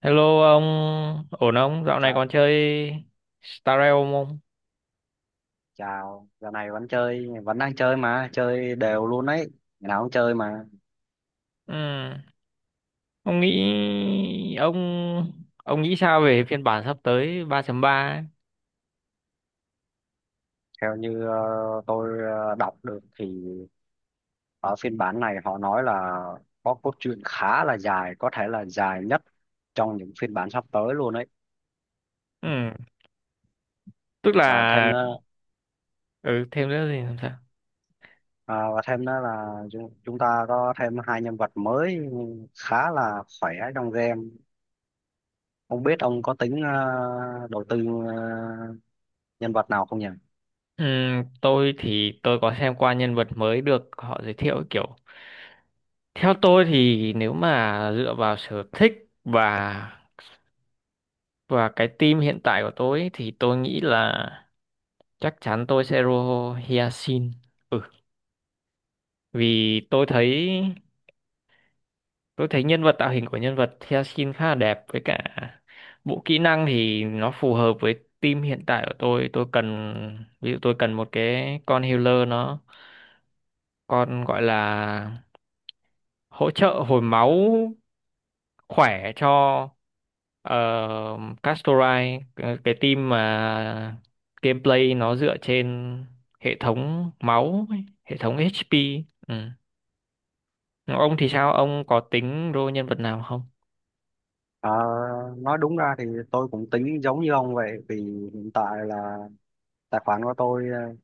Hello ông, ổn không? Dạo này Chào, còn chơi Star Realm không? chào, giờ này vẫn chơi, vẫn đang chơi mà, chơi đều luôn đấy, ngày nào cũng chơi mà. Ừ. Ông nghĩ ông ông nghĩ sao về phiên bản sắp tới 3.3 ấy? Theo như tôi đọc được thì ở phiên bản này họ nói là có cốt truyện khá là dài, có thể là dài nhất trong những phiên bản sắp tới luôn đấy. Ừ. Tức là. Và thêm nữa, Ừ, Thêm nữa thì làm sao? và thêm nữa là chúng ta có thêm hai nhân vật mới khá là khỏe trong game. Không biết ông có tính đầu tư nhân vật nào không nhỉ? Ừ, tôi thì tôi có xem qua nhân vật mới được họ giới thiệu ấy, kiểu theo tôi thì nếu mà dựa vào sở thích và và cái team hiện tại của tôi ấy, thì tôi nghĩ là chắc chắn tôi sẽ roll Hyacinth. Ừ, vì tôi thấy nhân vật, tạo hình của nhân vật Theosin khá là đẹp, với cả bộ kỹ năng thì nó phù hợp với team hiện tại của tôi. Tôi cần ví dụ tôi cần một cái con healer, nó, con gọi là hỗ trợ hồi máu khỏe cho Castorai, cái team mà gameplay nó dựa trên hệ thống máu ấy, hệ thống HP. Ừ. Ông thì sao? Ông có tính role nhân vật nào không? Ờ, nói đúng ra thì tôi cũng tính giống như ông vậy, vì hiện tại là tài khoản của tôi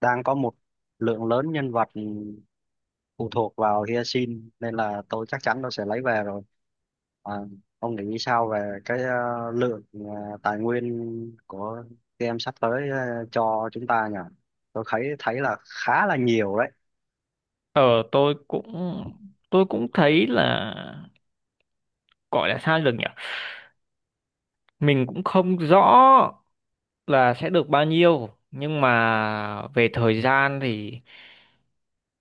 đang có một lượng lớn nhân vật phụ thuộc vào Hyacinth, nên là tôi chắc chắn tôi sẽ lấy về rồi. Ờ, ông nghĩ sao về cái lượng tài nguyên của game sắp tới cho chúng ta nhỉ? Tôi thấy thấy là khá là nhiều đấy. Ờ tôi cũng tôi cũng thấy là, gọi là sao được nhỉ? Mình cũng không rõ là sẽ được bao nhiêu, nhưng mà về thời gian thì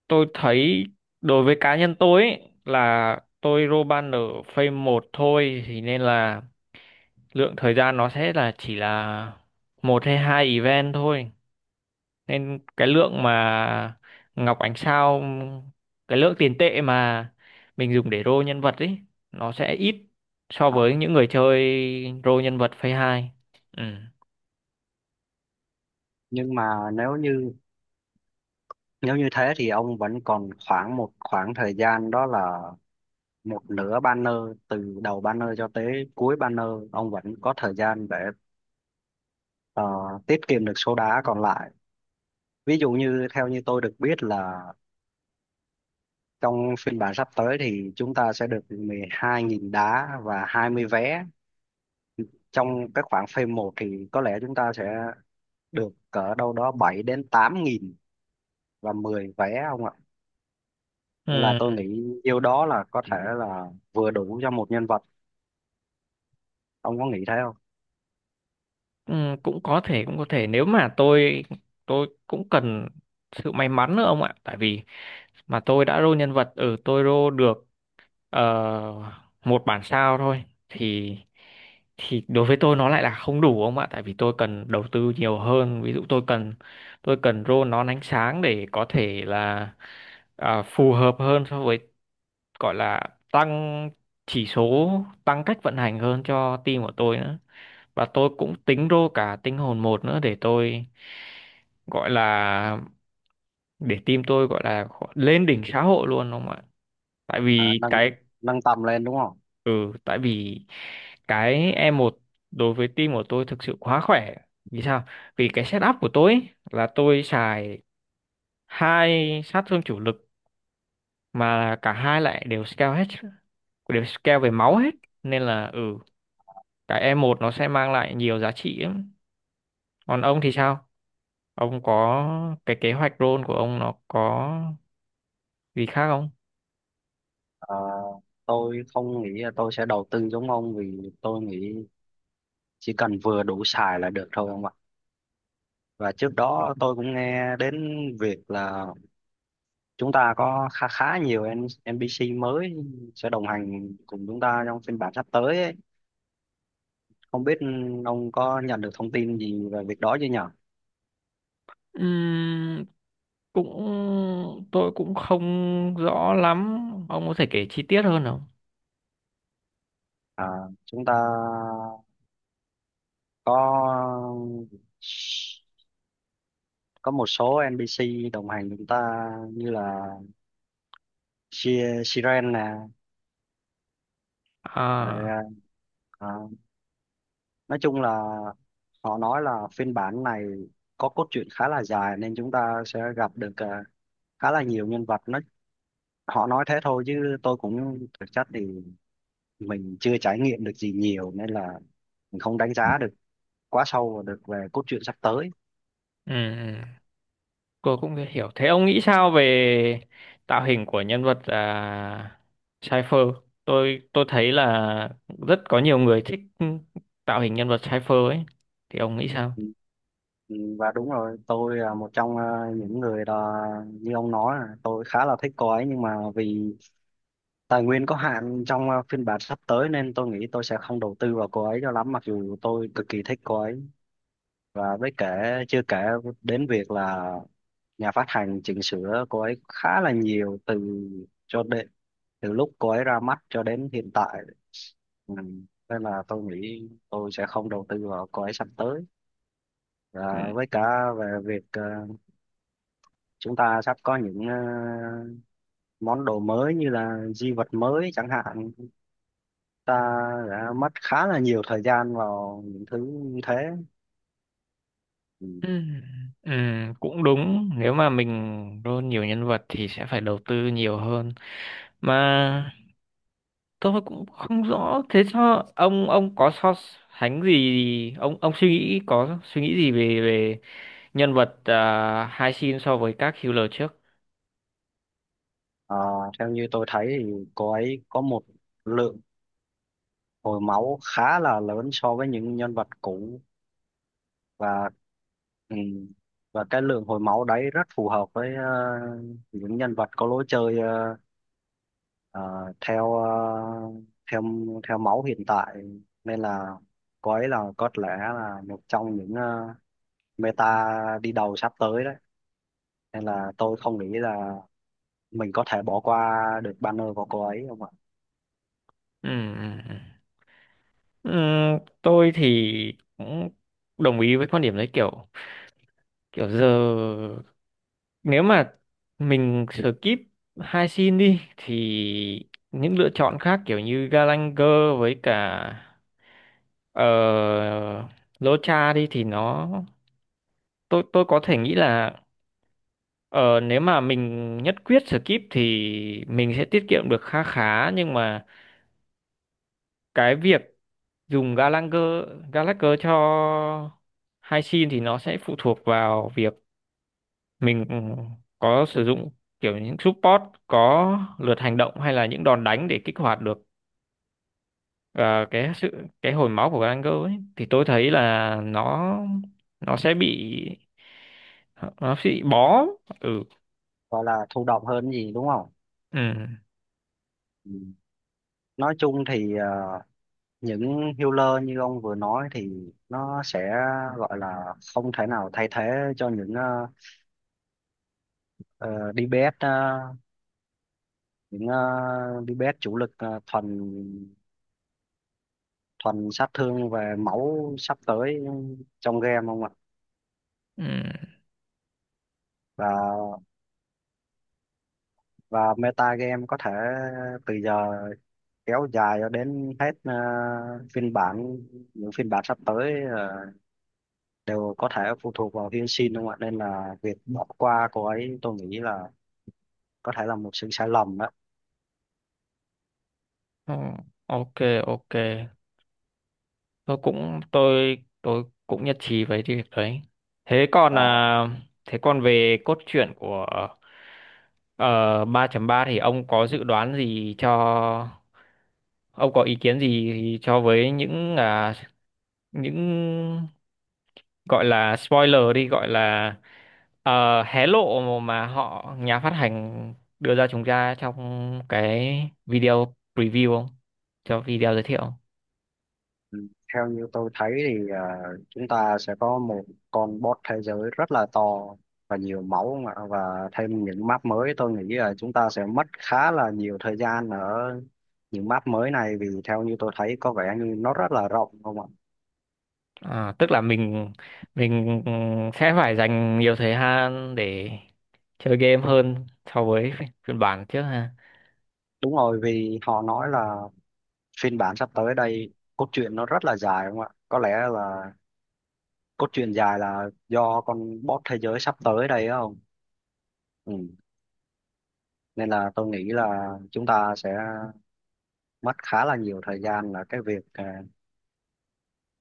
tôi thấy, đối với cá nhân tôi ấy, là tôi roll ban ở phase một thôi, thì nên là lượng thời gian nó sẽ là, chỉ là một hay hai event thôi, nên cái lượng mà ngọc ánh sao, cái lượng tiền tệ mà mình dùng để roll nhân vật ấy, nó sẽ ít so Đó. với những người chơi roll nhân vật phase hai. Ừ. Nhưng mà nếu như thế thì ông vẫn còn khoảng một khoảng thời gian, đó là một nửa banner, từ đầu banner cho tới cuối banner. Ông vẫn có thời gian để ờ, tiết kiệm được số đá còn lại. Ví dụ như theo như tôi được biết, là trong phiên bản sắp tới thì chúng ta sẽ được 12.000 đá và 20 vé. Trong cái khoảng phase 1 thì có lẽ chúng ta sẽ được cỡ đâu đó 7.000 đến 8.000 và 10 vé, không ạ? Nên là tôi Ừ. nghĩ nhiêu đó là có thể là vừa đủ cho một nhân vật. Ông có nghĩ thế không? Ừ. Cũng có thể, cũng có thể, nếu mà tôi cũng cần sự may mắn nữa ông ạ, tại vì mà tôi đã roll nhân vật ở, tôi roll được ờ, một bản sao thôi, thì đối với tôi nó lại là không đủ ông ạ, tại vì tôi cần đầu tư nhiều hơn. Ví dụ tôi cần rô nón ánh sáng, để có thể là phù hợp hơn so với, gọi là, tăng chỉ số, tăng cách vận hành hơn cho team của tôi nữa. Và tôi cũng tính rô cả tinh hồn một nữa, để tôi, gọi là, để team tôi, gọi là, lên đỉnh xã hội luôn, đúng không ạ? Tại à, vì nâng cái, nâng tầm lên đúng không? ừ, tại vì cái e một đối với team của tôi thực sự quá khỏe. Vì sao? Vì cái setup của tôi ấy, là tôi xài hai sát thương chủ lực, mà cả hai lại đều scale hết, đều scale về máu hết. Nên là cái e một nó sẽ mang lại nhiều giá trị lắm. Còn ông thì sao? Ông có cái kế hoạch role của ông, nó có gì khác không? Ờ, tôi không nghĩ là tôi sẽ đầu tư giống ông, vì tôi nghĩ chỉ cần vừa đủ xài là được thôi, ông ạ. Và trước đó tôi cũng nghe đến việc là chúng ta có khá khá nhiều NPC mới sẽ đồng hành cùng chúng ta trong phiên bản sắp tới ấy. Không biết ông có nhận được thông tin gì về việc đó chưa nhỉ? Ừm, cũng tôi cũng không rõ lắm, ông có thể kể chi tiết hơn không? À, chúng ta có có một số NPC đồng hành chúng ta, như là Siren nè, À, rồi, à, nói chung là họ nói là phiên bản này có cốt truyện khá là dài, nên chúng ta sẽ gặp được khá là nhiều nhân vật. Nó họ nói thế thôi, chứ tôi cũng thực chất thì mình chưa trải nghiệm được gì nhiều, nên là mình không đánh giá được quá sâu vào được về cốt truyện sắp tới. ừ, ừ. Cô cũng hiểu. Thế ông nghĩ sao về tạo hình của nhân vật, Cypher? Tôi thấy là rất có nhiều người thích tạo hình nhân vật Cypher ấy. Thì ông nghĩ sao? Ừ, ừ, và đúng rồi, tôi là một trong những người là, như ông nói, là tôi khá là thích cô ấy. Nhưng mà vì tài nguyên có hạn trong phiên bản sắp tới, nên tôi nghĩ tôi sẽ không đầu tư vào cô ấy cho lắm, mặc dù tôi cực kỳ thích cô ấy. Và với kể chưa kể đến việc là nhà phát hành chỉnh sửa cô ấy khá là nhiều, từ cho đến từ lúc cô ấy ra mắt cho đến hiện tại. Ừ. Nên là tôi nghĩ tôi sẽ không đầu tư vào cô ấy sắp tới. Ừ. Và với cả về việc chúng ta sắp có những món đồ mới, như là di vật mới chẳng hạn, ta đã mất khá là nhiều thời gian vào những thứ như thế. Ừ. Ừ, ừ, cũng đúng. Nếu mà mình roll nhiều nhân vật thì sẽ phải đầu tư nhiều hơn. Mà tôi cũng không rõ. Thế cho ông có so sánh gì? Ông suy nghĩ có suy nghĩ gì về về nhân vật, hai xin, so với các healer trước? Ờ, theo như tôi thấy thì cô ấy có một lượng hồi máu khá là lớn so với những nhân vật cũ. Và ừ, và cái lượng hồi máu đấy rất phù hợp với những nhân vật có lối chơi ờ, ờ, theo theo máu hiện tại. Nên là cô ấy là có lẽ là một trong những meta đi đầu sắp tới đấy, nên là tôi không nghĩ là mình có thể bỏ qua được banner của cô ấy, không ạ. Ừm, ừm, ừm. Tôi thì cũng đồng ý với quan điểm đấy, kiểu kiểu giờ nếu mà mình skip hai xin đi, thì những lựa chọn khác kiểu như Galanger với cả, uh, Locha đi thì nó, tôi có thể nghĩ là, ờ, nếu mà mình nhất quyết skip thì mình sẽ tiết kiệm được khá khá, nhưng mà cái việc dùng Gallagher Gallagher cho hai sim thì nó sẽ phụ thuộc vào việc mình, có sử dụng kiểu những support có lượt hành động, hay là những đòn đánh để kích hoạt được ờ, cái sự cái hồi máu của Gallagher ấy, thì tôi thấy là nó sẽ bị nó sẽ bị bó. Ừ. Gọi là thụ động hơn gì đúng không? Ừ, Ừ. Nói chung thì những healer như ông vừa nói thì nó sẽ gọi là không thể nào thay thế cho những DPS, những DPS chủ lực, thuần thuần sát thương về máu sắp tới trong game, không ạ. ừ. Và và meta game có thể từ giờ kéo dài cho đến hết phiên bản những phiên bản sắp tới, đều có thể phụ thuộc vào hy sinh, đúng không ạ? Nên là việc bỏ qua cô ấy tôi nghĩ là có thể là một sự sai lầm đó. Ờ, ok, ok, tôi cũng nhất trí với cái việc đấy. thế còn và à, thế còn về cốt truyện của ờ, 3.3, thì ông có ý kiến gì cho, với những, những gọi là spoiler đi, gọi là hé lộ, mà nhà phát hành đưa ra chúng ta trong cái video preview không? Cho video giới thiệu. ừ, Theo như tôi thấy thì chúng ta sẽ có một con boss thế giới rất là to và nhiều máu, không ạ? Và thêm những map mới, tôi nghĩ là chúng ta sẽ mất khá là nhiều thời gian ở những map mới này, vì theo như tôi thấy có vẻ như nó rất là rộng, không ạ. À, tức là mình sẽ phải dành nhiều thời gian để chơi game hơn so với phiên bản trước ha. Đúng rồi, vì họ nói là phiên bản sắp tới đây cốt truyện nó rất là dài, đúng không ạ? Có lẽ là cốt truyện dài là do con boss thế giới sắp tới đây á, không? Ừ. Nên là tôi nghĩ là chúng ta sẽ mất khá là nhiều thời gian là cái việc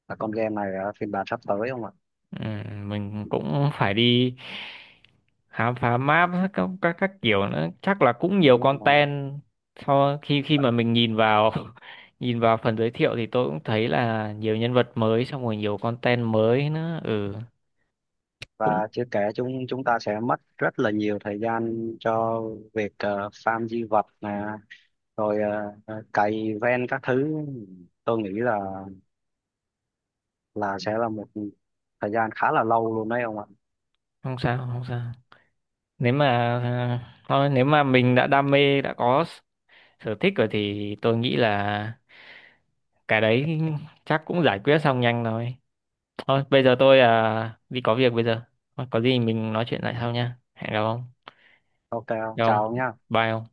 là con game này ở phiên bản sắp tới, không ạ? Ừ, mình cũng phải đi khám phá map, các kiểu nữa, chắc là cũng nhiều Đúng không? content. Sau khi khi mà mình nhìn vào nhìn vào phần giới thiệu, thì tôi cũng thấy là nhiều nhân vật mới, xong rồi nhiều content mới nữa. Ừ, cũng Và chưa kể chúng chúng ta sẽ mất rất là nhiều thời gian cho việc farm di vật nè, rồi cày ven các thứ. Tôi nghĩ là sẽ là một thời gian khá là lâu luôn đấy, ông ạ. không sao, không sao. Nếu mà à, thôi nếu mà mình đã đam mê, đã có sở thích rồi, thì tôi nghĩ là cái đấy chắc cũng giải quyết xong nhanh thôi. Thôi bây giờ tôi đi có việc bây giờ, có gì mình nói chuyện lại sau nha. Hẹn gặp ông. OK, ông Gặp chào ông. ông nhá. Bye ông.